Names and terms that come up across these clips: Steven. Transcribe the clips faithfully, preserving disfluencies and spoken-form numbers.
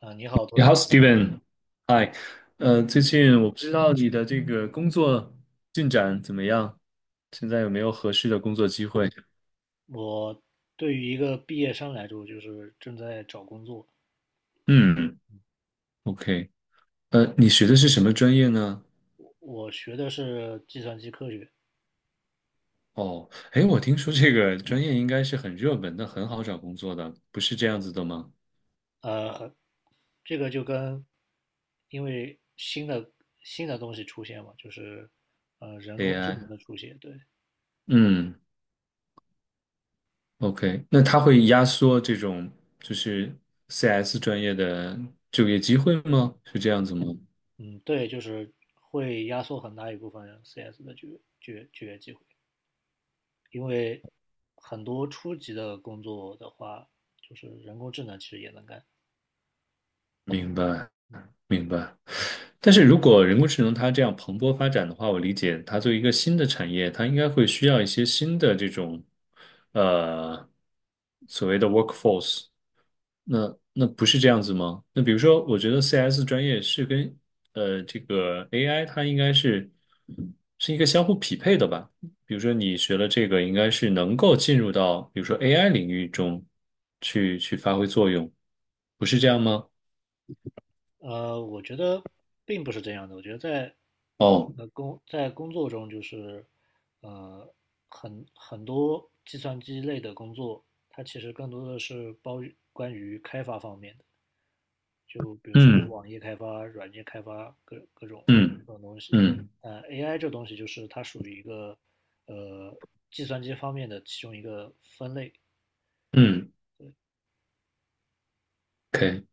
啊，你好，你托好尼。，Steven，嗨，呃，最近我不知道你的这个工作进展怎么样，现在有没有合适的工作机会？我对于一个毕业生来说，就是正在找工作。嗯，OK，呃，你学的是什么专业呢？我学的是计算机科学。哦，哎，我听说这个专业应该是很热门的，很好找工作的，不是这样子的吗呃，这个就跟因为新的新的东西出现嘛，就是呃人工智？A I，能的出现，对。嗯，OK，那它会压缩这种就是 C S 专业的就业机会吗？是这样子吗？嗯，对，就是会压缩很大一部分 C S 的就业就业就业机会，因为很多初级的工作的话，就是人工智能其实也能干，明白，嗯。明白。但是如果人工智能它这样蓬勃发展的话，我理解它作为一个新的产业，它应该会需要一些新的这种，呃，所谓的 workforce。那那不是这样子吗？那比如说，我觉得 C S 专业是跟呃这个 A I 它应该是是一个相互匹配的吧？比如说你学了这个，应该是能够进入到比如说 A I 领域中去去发挥作用，不是这样吗？呃，我觉得并不是这样的。我觉得在哦，那工在工作中，就是呃很很多计算机类的工作，它其实更多的是包于关于开发方面的，就比如说嗯网页开发、软件开发各各种嗯各种东西。嗯呃，A I 这东西就是它属于一个呃计算机方面的其中一个分类。嗯，OK。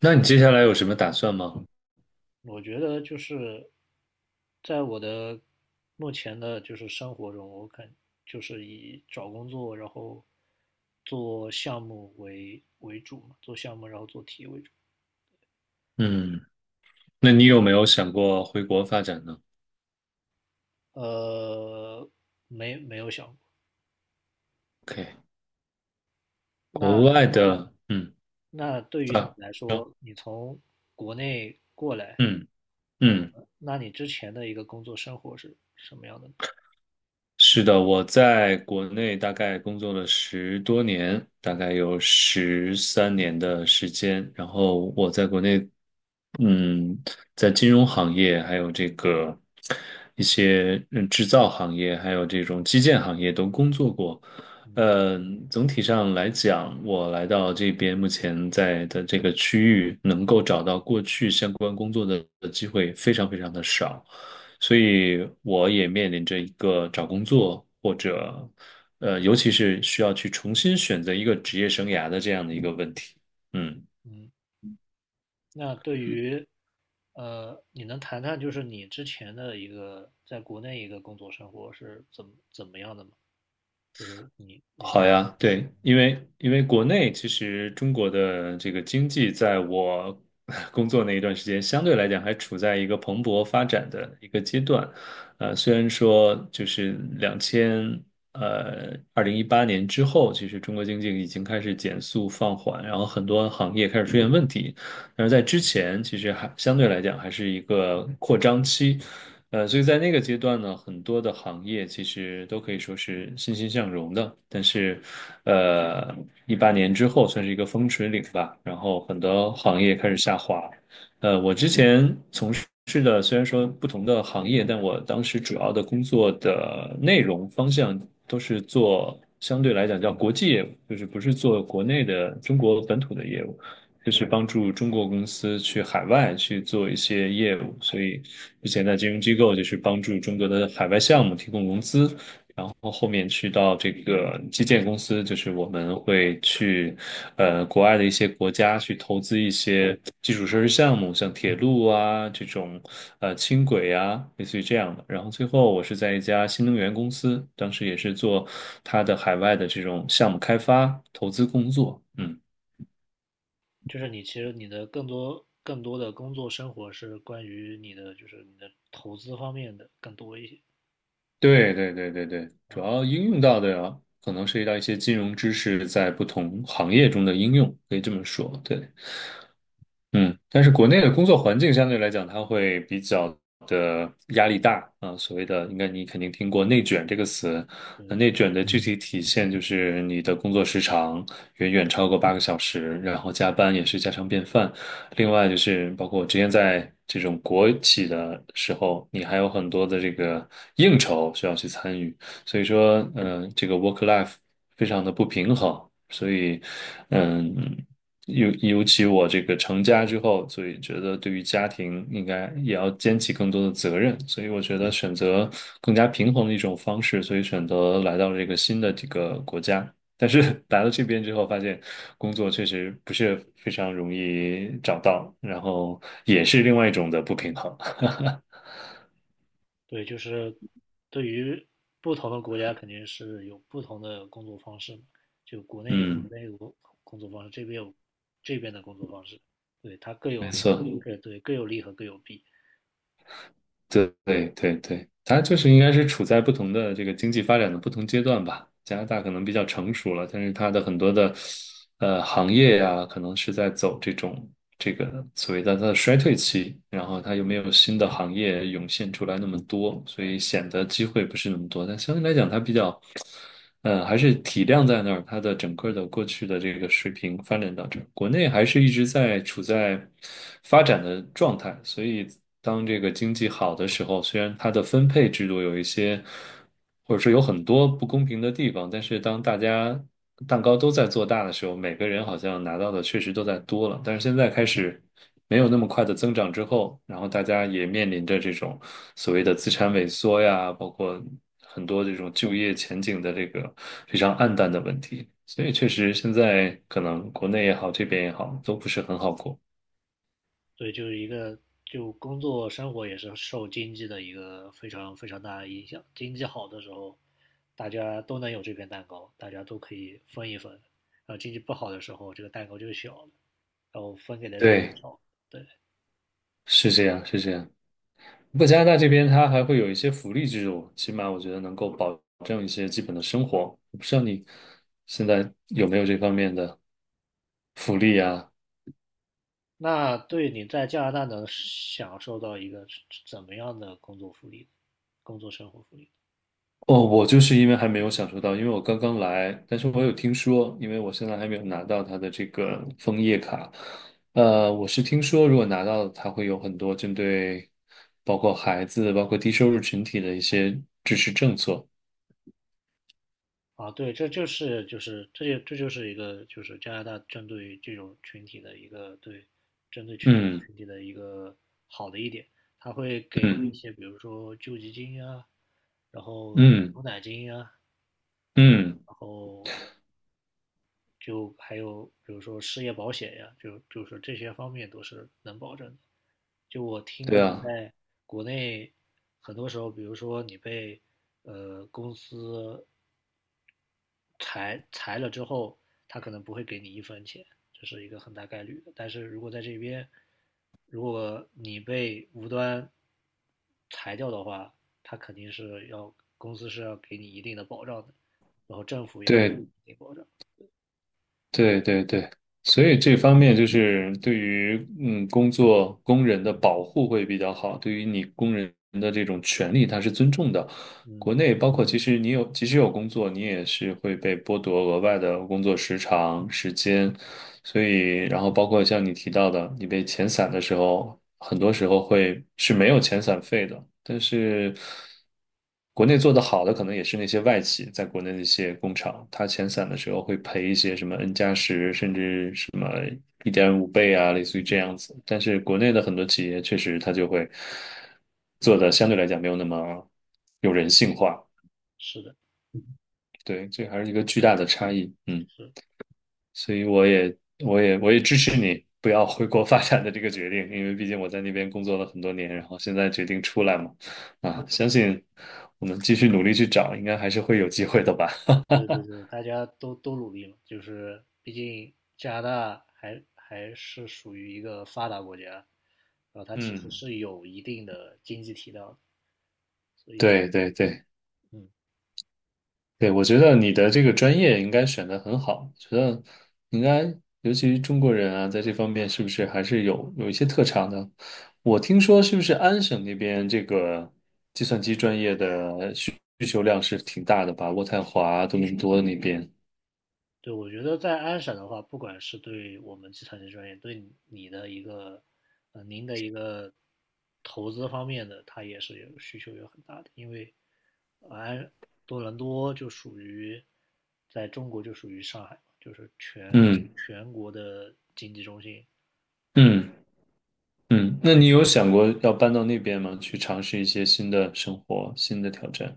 那你接下来有什么打算吗？我觉得就是在我的目前的就是生活中，我肯就是以找工作，然后做项目为为主嘛，做项目然后做题为主。嗯，那你有没有想过回国发展呢呃，没没有想过。？OK，国那外的，嗯那对于你啊，来行说，你从国内过来，嗯呃，嗯。那你之前的一个工作生活是什么样的呢？是的，我在国内大概工作了十多年，大概有十三年的时间。然后我在国内，嗯，在金融行业，还有这个一些嗯制造行业，还有这种基建行业都工作过。嗯嗯，总体上来讲，我来到这边目前在的这个区域，能够找到过去相关工作的机会非常非常的少。所以我也面临着一个找工作或者，呃，尤其是需要去重新选择一个职业生涯的这样的一个问题。嗯。嗯。那对于，呃，你能谈谈就是你之前的一个在国内一个工作生活是怎么怎么样的吗？就是你你这好呀，对，因为因为国内其实中国的这个经济，在我 工作那一段时间，相对来讲还处在一个蓬勃发展的一个阶段。呃，虽然说就是两千呃二零一八年之后，其实中国经济已经开始减速放缓，然后很多行业开始出现问题，但是在之前，其实还相对来讲还是一个扩张期。呃，所以在那个阶段呢，很多的行业其实都可以说是欣欣向荣的。但是，呃，一八年之后算是一个分水岭吧，然后很多行业开始下滑。呃，我之前是的，虽然说不同的行业，但我当时主要的工作的内容方向都是做相对来讲叫国际业务，就是不是做国内的中国本土的业务，就是帮助中国公司去海外去做一些业务。所以之前在金融机构就是帮助中国的海外项目提供融资。然后。然后后面去到这个基建公司，就是我们会去，呃，国外的一些国家去投资一些基础设施项目，像铁路啊这种，呃，轻轨啊，类似于这样的。然后最后我是在一家新能源公司，当时也是做它的海外的这种项目开发投资工作。嗯，就是你其实你的更多更多的工作生活是关于你的就是你的投资方面的更多一些。对对对对对，啊，主要应用到的可能涉及到一些金融知识在不同行业中的应用，可以这么说，对。嗯，但是国内的工作环境相对来讲，它会比较的压力大啊。所谓的，应该你肯定听过“内卷”这个词。那对内卷的具体体现就是你的工作时长远远超过八个小时，然后加班也是家常便饭。另外就是包括我之前在这种国企的时候，你还有很多的这个应酬需要去参与。所以说，嗯、这个 work life 非常的不平衡，所以，嗯，尤尤其我这个成家之后，所以觉得对于家庭应该也要肩起更多的责任，所以我觉得选择更加平衡的一种方式，所以选择来到了这个新的这个国家。但是 来到这边之后，发现工作确实不是非常容易找到，然后也是另外一种的不平衡。对，就是对于不同的国家肯定是有不同的工作方式嘛，就国内有国嗯，内的工工作方式，这边有这边的工作方式，对，它各没有，错。各对各有利和各有弊。对对对对，它就是应该是处在不同的这个经济发展的不同阶段吧。加拿大可能比较成熟了，但是它的很多的呃行业呀、可能是在走这种这个所谓的它的衰退期，然后它又没有新的行业涌现出来那么多，所以显得机会不是那么多。但相对来讲，它比较嗯，还是体量在那儿，它的整个的过去的这个水平发展到这儿，国内还是一直在处在发展的状态，所以当这个经济好的时候，虽然它的分配制度有一些，或者说有很多不公平的地方，但是当大家蛋糕都在做大的时候，每个人好像拿到的确实都在多了，但是现在开始没有那么快的增长之后，然后大家也面临着这种所谓的资产萎缩呀，包括很多这种就业前景的这个非常暗淡的问题。所以确实，现在可能国内也好，这边也好，都不是很好过。对，就是一个就工作生活也是受经济的一个非常非常大的影响，经济好的时候，大家都能有这片蛋糕，大家都可以分一分，然后经济不好的时候，这个蛋糕就小了，然后分给的人就对，少，对。是这样，是这样。不过加拿大这边它还会有一些福利制度，起码我觉得能够保证一些基本的生活。我不知道你现在有没有这方面的福利啊？那对你在加拿大能享受到一个怎么样的工作福利、工作生活福利？哦，我就是因为还没有享受到，因为我刚刚来，但是我有听说，因为我现在还没有拿到它的这个枫叶卡，呃，我是听说如果拿到，它会有很多针对包括孩子、包括低收入群体的一些支持政策。啊，对，这就是就是这就这就是一个就是加拿大针对于这种群体的一个对针对这种嗯群体的一个好的一点，它会给一嗯些比如说救济金啊，然后嗯牛奶金啊，嗯，然后就还有比如说失业保险呀，就就是这些方面都是能保证的。就我听对过，啊，在国内很多时候，比如说你被呃公司裁裁了之后，他可能不会给你一分钱，这是一个很大概率的。但是如果在这边，如果你被无端裁掉的话，他肯定是要公司是要给你一定的保障的，然后政府也会给对你一定保障。对对对，所以这方面就是对于嗯工作工人的保护会比较好，对于你工人的这种权利，它是尊重的。国嗯，内包括其实你有即使有工作，你也是会被剥夺额外的工作时长、时间，所以，然后包括像你提到的，你被遣散的时候，很多时候会是没有遣散费的。但是，国内做得好的可能也是那些外企，在国内的一些工厂，它遣散的时候会赔一些什么 N 加十，甚至什么一点五倍啊，类似于这样子。但是国内的很多企业确实它就会做的相对来讲没有那么有人性化，是的，对，这还是一个巨大的差异。嗯。是。所以我也我也我也支持你不要回国发展的这个决定，因为毕竟我在那边工作了很多年，然后现在决定出来嘛，啊，相信我们继续努力去找，应该还是会有机会的吧。对对对，大家都都努力嘛，就是毕竟加拿大还还是属于一个发达国家，然后它其实嗯，是有一定的经济体量的。对对对，嗯，对，我觉得你的这个专业应该选的很好，觉得应该，尤其是中国人啊，在这方面是不是还是有有一些特长的？我听说是不是安省那边这个计算机专业的需需求量是挺大的吧？渥太华、多伦多那边，对，我觉得在安省的话，不管是对我们计算机专业，对你你的一个呃您的一个投资方面的，它也是有需求有很大的，因为呃安多伦多就属于在中国就属于上海嘛，就是全嗯全国的经济中心。嗯嗯，那你有想过要搬到那边吗？去尝试一些新的生活、新的挑战？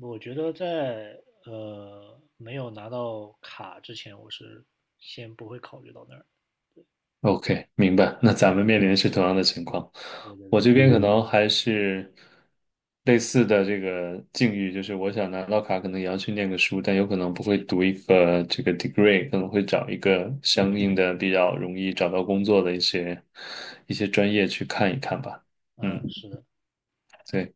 我觉得在呃没有拿到卡之前，我是先不会考虑到那儿。OK，明白。那咱们面临的是同样的情况，我这边可能还是类似的这个境遇，就是我想拿到卡，可能也要去念个书，但有可能不会读一个这个 degree，可能会找一个相应的比较容易找到工作的一些一些专业去看一看吧。嗯，嗯，是的，对，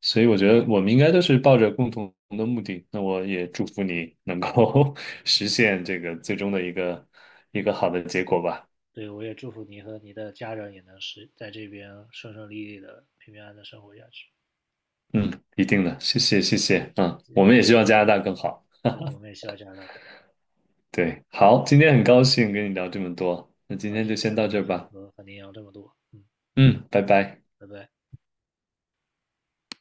所以我觉得我们应该都是抱着共同的目的。那我也祝福你能够 实现这个最终的一个一个好的结果吧。对，我也祝福你和你的家人也能是在这边顺顺利利的、平平安安的生活下去。嗯，一定的，谢谢谢谢，嗯，我们也希望加拿大更好。对，我们也希望加拿大更好。对，好，今天很高兴跟你聊这么多，那今啊！天今就天先也很到这高儿兴吧，和和您聊这么多，嗯，嗯，拜拜。拜拜。